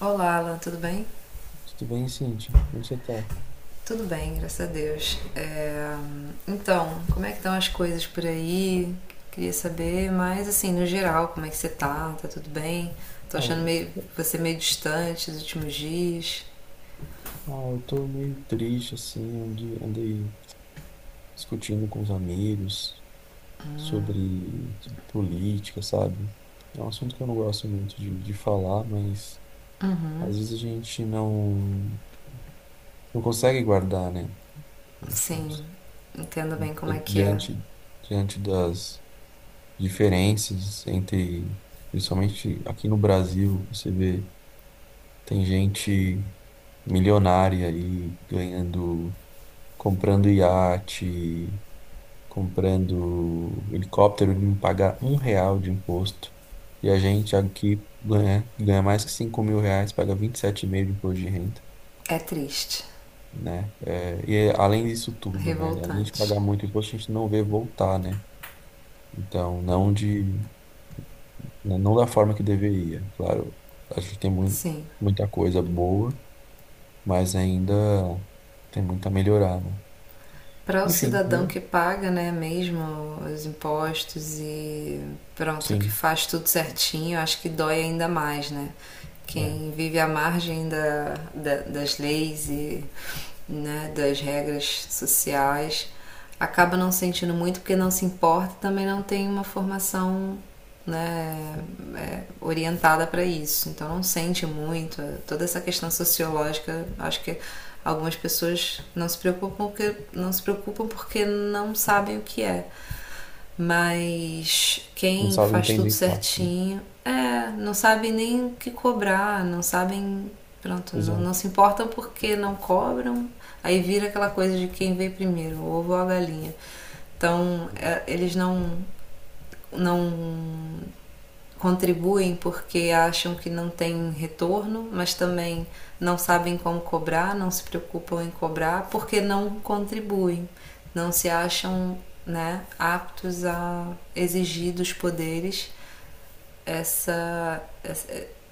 Olá, Alan, tudo bem? Tudo bem, Cíntia? Como você tá? Tudo bem, graças a Deus. Então, como é que estão as coisas por aí? Queria saber, mas assim, no geral, como é que você tá? Tá tudo bem? Tô Ah, achando eu você meio distante nos últimos dias. ah, eu tô meio triste, assim, onde andei discutindo com os amigos sobre política, sabe? É um assunto que eu não gosto muito de falar, mas Uhum, às vezes a gente não consegue guardar, né? A sim, gente, entendo bem como É é que é. diante das diferenças entre, principalmente aqui no Brasil, você vê, tem gente milionária aí ganhando, comprando iate, comprando helicóptero, ele não paga um real de imposto. E a gente aqui ganha mais que 5 mil reais, paga 27,5 de imposto de renda, É triste, né? É, e é, além disso tudo, né? Além de revoltante, pagar muito imposto, a gente não vê voltar, né? Então, não de, né, não da forma que deveria. Claro, a gente tem sim. muita coisa boa, mas ainda tem muito a melhorar, né? Para o Enfim, cidadão é, que paga, né, mesmo os impostos e pronto, que sim, faz tudo certinho, acho que dói ainda mais, né? é. Quem vive à margem das leis e né, das regras sociais acaba não sentindo muito porque não se importa, também não tem uma formação né, orientada para isso, então não sente muito. Toda essa questão sociológica, acho que algumas pessoas não se preocupam porque não se preocupam porque não sabem o que é. Mas Não quem sabe faz tudo entender de fato, né? certinho, não sabe nem o que cobrar, não sabem, pronto, não, não Exato, se importam porque não cobram. Aí vira aquela coisa de quem veio primeiro, o ovo ou a galinha. Então, é, eles não contribuem porque acham que não tem retorno, mas também não sabem como cobrar, não se preocupam em cobrar porque não contribuem, não se acham né, aptos a exigir dos poderes essa,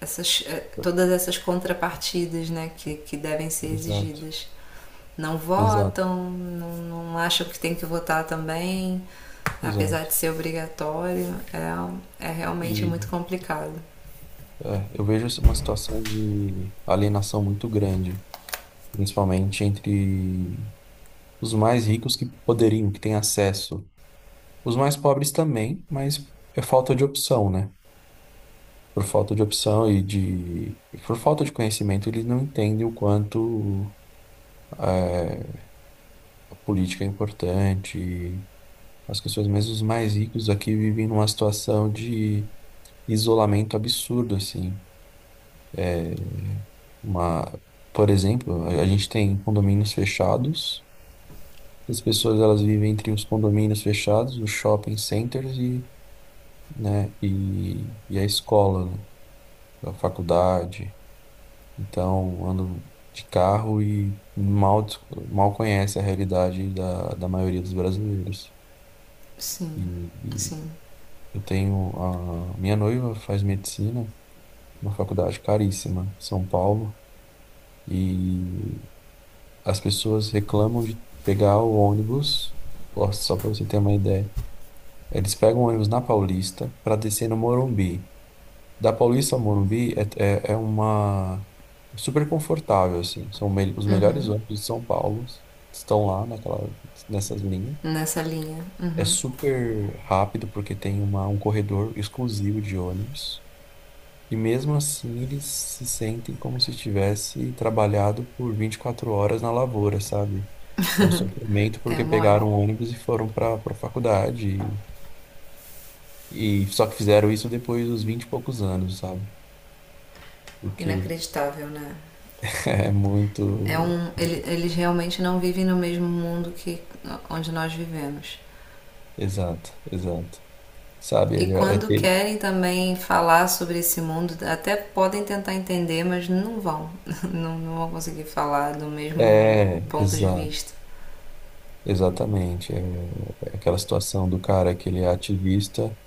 todas essas contrapartidas né, que devem ser exato, exigidas. Não exato, votam, não, não acham que tem que votar também, apesar exato. de ser obrigatório, é realmente muito E complicado. é, eu vejo assim, uma situação de alienação muito grande, principalmente entre os mais ricos que poderiam, que têm acesso. Os mais pobres também, mas é falta de opção, né? Por falta de opção e de, e por falta de conhecimento, eles não entendem o quanto é, a política é importante. As pessoas, mesmo os mais ricos aqui, vivem numa situação de isolamento absurdo, assim. Uma, por exemplo, a gente tem condomínios fechados, as pessoas elas vivem entre os condomínios fechados, os shopping centers e, né, e a escola, né, a faculdade. Então, andam de carro e mal, mal conhece a realidade da maioria dos brasileiros. E, Sim, e sim. eu tenho a minha noiva faz medicina, uma faculdade caríssima, São Paulo. E as pessoas reclamam de pegar o ônibus, ó, só para você ter uma ideia. Eles pegam o ônibus na Paulista para descer no Morumbi. Da Paulista ao Morumbi é uma super confortável assim. Os melhores Uhum. ônibus de São Paulo estão lá naquela, nessas linhas. Nessa linha. É Uhum. super rápido porque tem um corredor exclusivo de ônibus. E mesmo assim eles se sentem como se tivesse trabalhado por 24 horas na lavoura, sabe? É um sofrimento É porque mole. pegaram um ônibus e foram para faculdade e só que fizeram isso depois dos 20 e poucos anos, sabe? Porque Inacreditável, né? é É muito um, ele- eles realmente não vivem no mesmo mundo que onde nós vivemos. exato, exato. Sabe, E ele é, quando querem também falar sobre esse mundo, até podem tentar entender, mas não vão. Não vão conseguir falar do mesmo é, ponto de exato, vista. exatamente. É, é aquela situação do cara que ele é ativista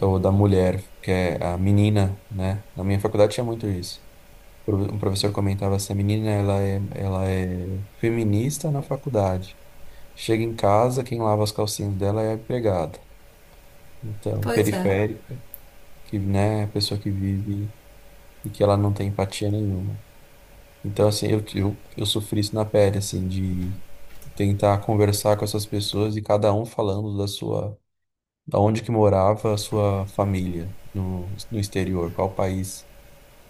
ou da mulher que é a menina, né? Na minha faculdade tinha muito isso. Um professor comentava assim, a menina ela é feminista na faculdade. Chega em casa, quem lava as calcinhas dela é a empregada. Então, Pois é, periférica, que, né, é a pessoa que vive e que ela não tem empatia nenhuma. Então, assim, eu sofri isso na pele, assim, de tentar conversar com essas pessoas e cada um falando da sua, da onde que morava a sua família no exterior, qual país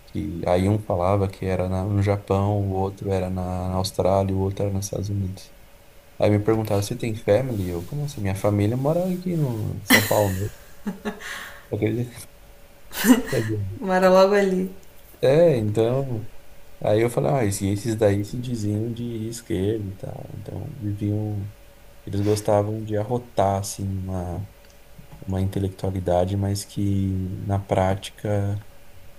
que aí um falava que era no Japão, o outro era na Austrália, o outro era nos Estados Unidos. Aí me perguntaram, você tem family? Eu, como assim? Minha família mora aqui no em São Paulo. Acredito que é bom. mora logo ali. É, então. Aí eu falei, ah, esses daí se diziam de esquerda e tal. Então, viviam. Eles gostavam de arrotar, assim, uma intelectualidade, mas que na prática.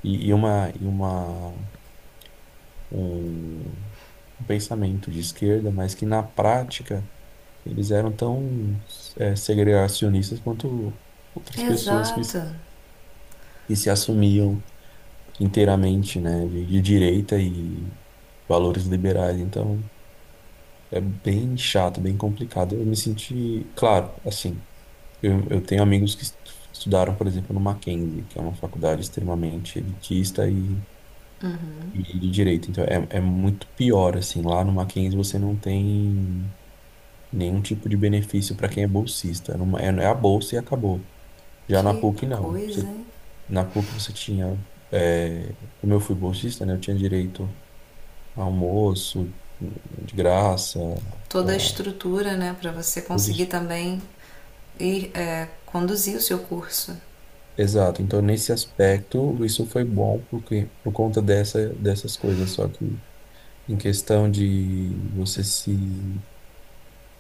E um, um pensamento de esquerda, mas que na prática eles eram tão, segregacionistas quanto outras pessoas que, Exato. que se assumiam inteiramente, né, de direita e valores liberais. Então, é bem chato, bem complicado. Eu me senti, claro, assim, eu tenho amigos que estudaram, por exemplo, no Mackenzie, que é uma faculdade extremamente elitista e, Uhum. e de direita. Então, é muito pior, assim, lá no Mackenzie você não tem nenhum tipo de benefício para quem é bolsista. É, é a bolsa e acabou. Já na Que PUC, não. coisa, Você, hein? na PUC você tinha, é, como eu fui bolsista, né, eu tinha direito almoço de graça, pá, Toda a estrutura, né, para você tudo conseguir isso. também ir é, conduzir o seu curso. Exato. Então, nesse aspecto, isso foi bom porque, por conta dessas coisas. Só que em questão de você se,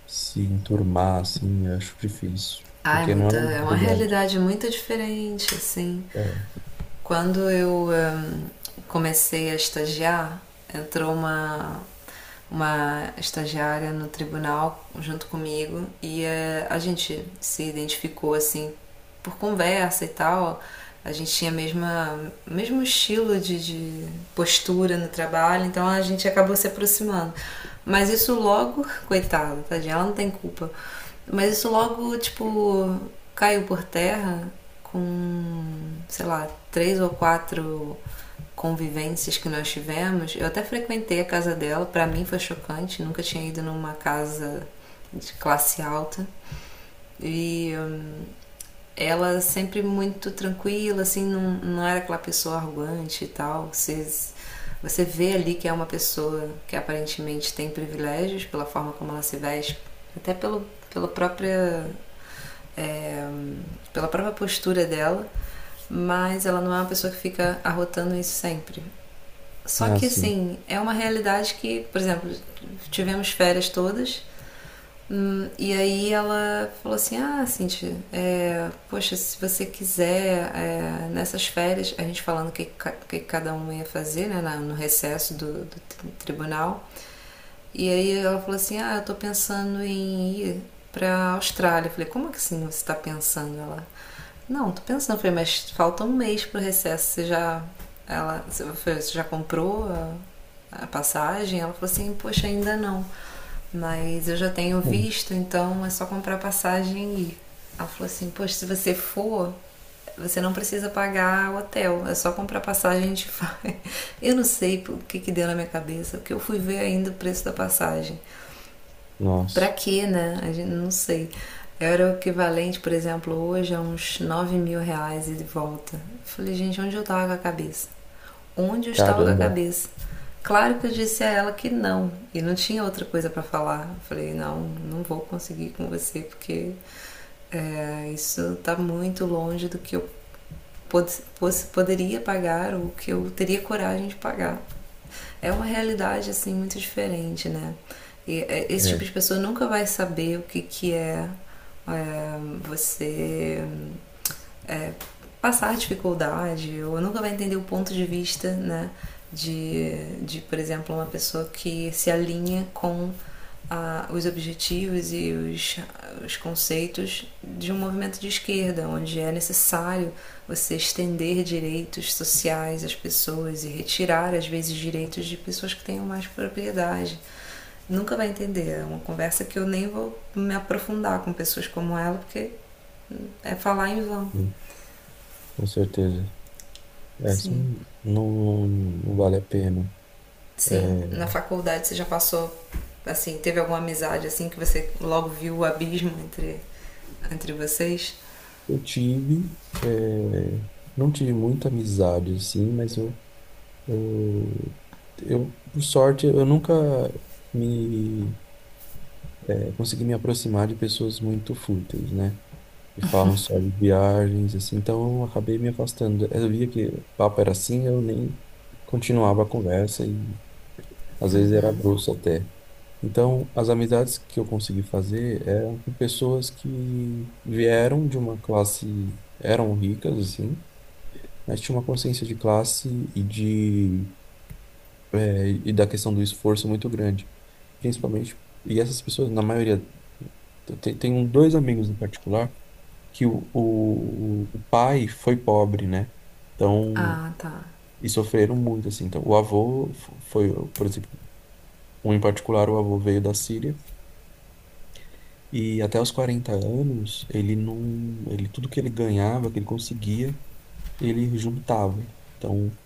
se enturmar, assim, eu acho difícil. Ah, Porque não é uma é uma realidade. realidade muito diferente, assim. É, Quando eu comecei a estagiar, entrou uma estagiária no tribunal junto comigo e a gente se identificou assim por conversa e tal. A gente tinha a mesma mesmo estilo de postura no trabalho, então a gente acabou se aproximando. Mas isso logo, coitada, tadinha, ela não tem culpa. Mas isso logo, tipo, caiu por terra com, sei lá, três ou quatro convivências que nós tivemos, eu até frequentei a casa dela, para mim foi chocante, nunca tinha ido numa casa de classe alta. E ela sempre muito tranquila, assim, não era aquela pessoa arrogante e tal. Você vê ali que é uma pessoa que aparentemente tem privilégios pela forma como ela se veste, até pela própria. é, hum, pela própria postura dela, mas ela não é uma pessoa que fica arrotando isso sempre. é Só que assim. assim, é uma realidade que, por exemplo, tivemos férias todas. E aí ela falou assim: ah, Cintia, poxa, se você quiser, nessas férias, a gente falando o que, que cada um ia fazer, né, no recesso do tribunal, e aí ela falou assim: Ah, eu tô pensando em ir pra Austrália. Eu falei: Como é que assim você tá pensando? Ela: Não, tô pensando. Eu falei: Mas falta um mês pro recesso. Você já comprou a passagem? Ela falou assim: Poxa, ainda não. Mas eu já tenho Hum. visto, então é só comprar passagem e ir. Ela falou assim: Poxa, se você for, você não precisa pagar hotel, é só comprar passagem e a gente vai. Eu não sei o que, que deu na minha cabeça, porque eu fui ver ainda o preço da passagem. Pra Nossa. quê, né? A gente não sei. Era o equivalente, por exemplo, hoje a uns 9 mil reais e de volta. Eu falei: gente, onde eu tava com a cabeça? Onde eu estava com a Caramba. cabeça? Claro que eu disse a ela que não, e não tinha outra coisa pra falar. Eu falei: não, não vou conseguir com você, porque isso tá muito longe do que eu poderia pagar ou que eu teria coragem de pagar. É uma realidade assim muito diferente, né? Esse tipo É, de pessoa nunca vai saber o que, que é você é, passar dificuldade ou nunca vai entender o ponto de vista, né? De por exemplo, uma pessoa que se alinha com ah, os objetivos e os conceitos de um movimento de esquerda, onde é necessário você estender direitos sociais às pessoas e retirar, às vezes, direitos de pessoas que tenham mais propriedade. Nunca vai entender. É uma conversa que eu nem vou me aprofundar com pessoas como ela, porque é falar em vão. hum, com certeza. Essa Sim. não, não vale a pena. É. Sim, na faculdade você já passou, assim, teve alguma amizade assim que você logo viu o abismo entre vocês? Eu tive, eh, não tive muita amizade, assim, mas eu, por sorte, eu nunca me, consegui me aproximar de pessoas muito fúteis, né? Que falam só de viagens, assim, então eu acabei me afastando. Eu via que o papo era assim, eu nem continuava a conversa e às vezes era Uhum. grosso até. Então, as amizades que eu consegui fazer eram com pessoas que vieram de uma classe, eram ricas, assim, mas tinha uma consciência de classe e de e da questão do esforço muito grande, principalmente. E essas pessoas, na maioria, tem dois amigos em particular que o pai foi pobre, né? Então, Ah, tá. e sofreram muito, assim. Então, o avô foi, por exemplo, um em particular, o avô veio da Síria e até os 40 anos, ele não, ele tudo que ele ganhava, que ele conseguia, ele juntava. Então,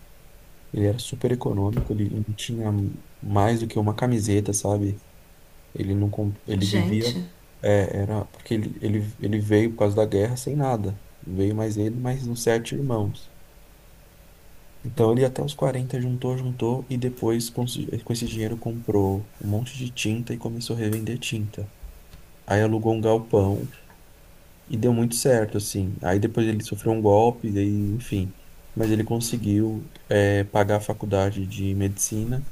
ele era super econômico, ele não tinha mais do que uma camiseta, sabe? Ele não, ele vivia, Gente, era porque ele veio por causa da guerra sem nada. Veio mais ele, mais uns sete irmãos. Então ele até os 40 juntou e depois com esse dinheiro comprou um monte de tinta e começou a revender tinta. Aí alugou um galpão e deu muito certo, assim. Aí depois ele sofreu um golpe, e, enfim. Mas ele conseguiu, pagar a faculdade de medicina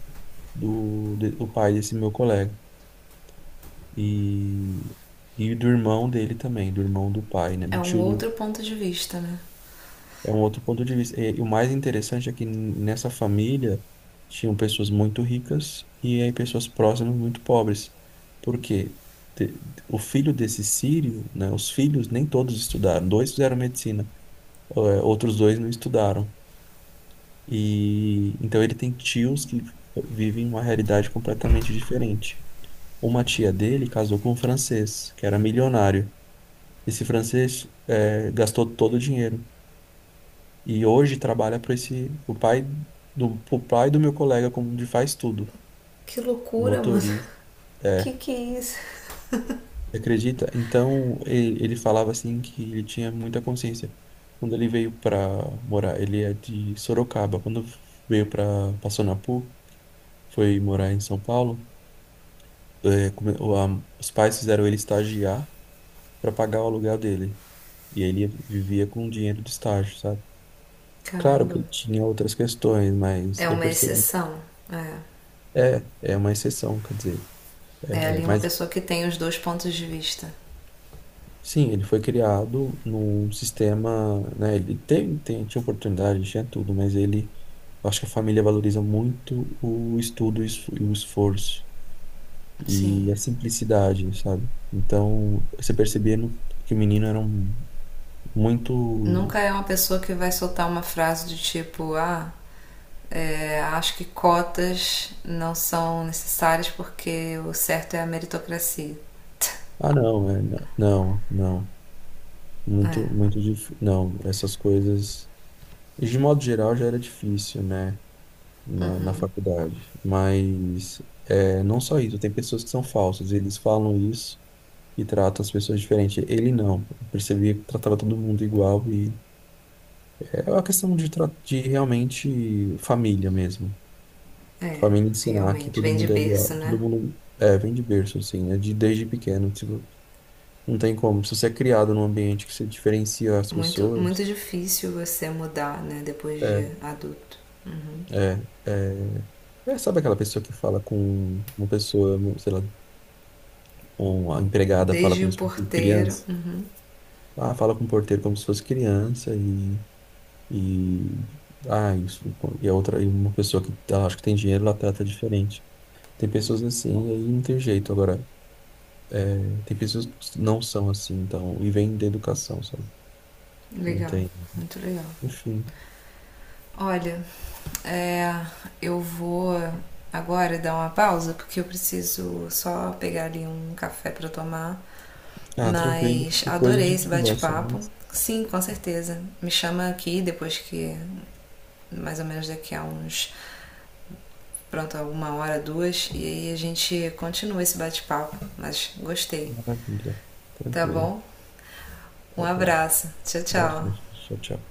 do pai desse meu colega. E, e do irmão dele também, do irmão do pai, né? é Do um tio outro do, ponto de vista, né? é um outro ponto de vista. E o mais interessante é que nessa família tinham pessoas muito ricas e aí pessoas próximas muito pobres. Porque o filho desse Sírio, né? Os filhos nem todos estudaram. Dois fizeram medicina, outros dois não estudaram. E então ele tem tios que vivem uma realidade completamente diferente. Uma tia dele casou com um francês, que era milionário. Esse francês gastou todo o dinheiro e hoje trabalha para esse o pai do pro pai do meu colega como de faz tudo, Que um loucura, mano. motorista. É, que é isso? você acredita? Então ele falava assim que ele tinha muita consciência quando ele veio para morar. Ele é de Sorocaba. Quando veio para Passonapu, foi morar em São Paulo. Os pais fizeram ele estagiar para pagar o aluguel dele. E ele vivia com o dinheiro do estágio, sabe? Claro Caramba. que ele tinha outras questões, mas É eu uma percebi. exceção. É. É, é uma exceção, quer dizer. É É, ali uma mas pessoa que tem os dois pontos de vista. sim, ele foi criado num sistema, né? Ele tinha oportunidade, tinha tudo, mas ele. Eu acho que a família valoriza muito o estudo e o esforço Sim. e a simplicidade, sabe? Então, você percebia que o menino era um, muito. Nunca é uma pessoa que vai soltar uma frase de tipo: ah, acho que cotas não são necessárias porque o certo é a meritocracia. Ah, não, é, não, não. É, Muito, muito difícil. Não, essas coisas. De modo geral já era difícil, né? Na faculdade. Mas é, não só isso, tem pessoas que são falsas, eles falam isso e tratam as pessoas diferente. Ele não. Eu percebia que tratava todo mundo igual e é uma questão de realmente família mesmo. é, Família ensinar que realmente. todo Vem de mundo é berço, igual. Todo né? mundo é, vem de berço, assim, né? Desde pequeno. Tipo, não tem como. Se você é criado num ambiente que você diferencia as Muito, muito pessoas. difícil você mudar, né? Depois de É, adulto. Uhum. é. Sabe aquela pessoa que fala com uma pessoa, um, sei lá, uma empregada fala Desde o como se fosse uma porteiro. criança? Uhum. Ah, fala com o porteiro como se fosse criança e, ah, isso, e uma pessoa que acho que tem dinheiro, ela trata diferente. Tem pessoas assim, e aí não tem jeito. Agora, tem pessoas que não são assim, então, e vem da educação, sabe? Não Legal, tem. muito legal. Enfim. Olha, é, eu vou agora dar uma pausa porque eu preciso só pegar ali um café para tomar. Ah, tranquilo. Mas Depois a adorei esse gente conversa bate-papo. mais. Sim, com certeza. Me chama aqui depois que mais ou menos daqui a uns, pronto, uma hora, duas, e aí a gente continua esse bate-papo. Mas gostei. Maravilha. Tá Tranquilo. bom? Um Tá bom. abraço. Tchau, Abraço. tchau. Tchau, tchau.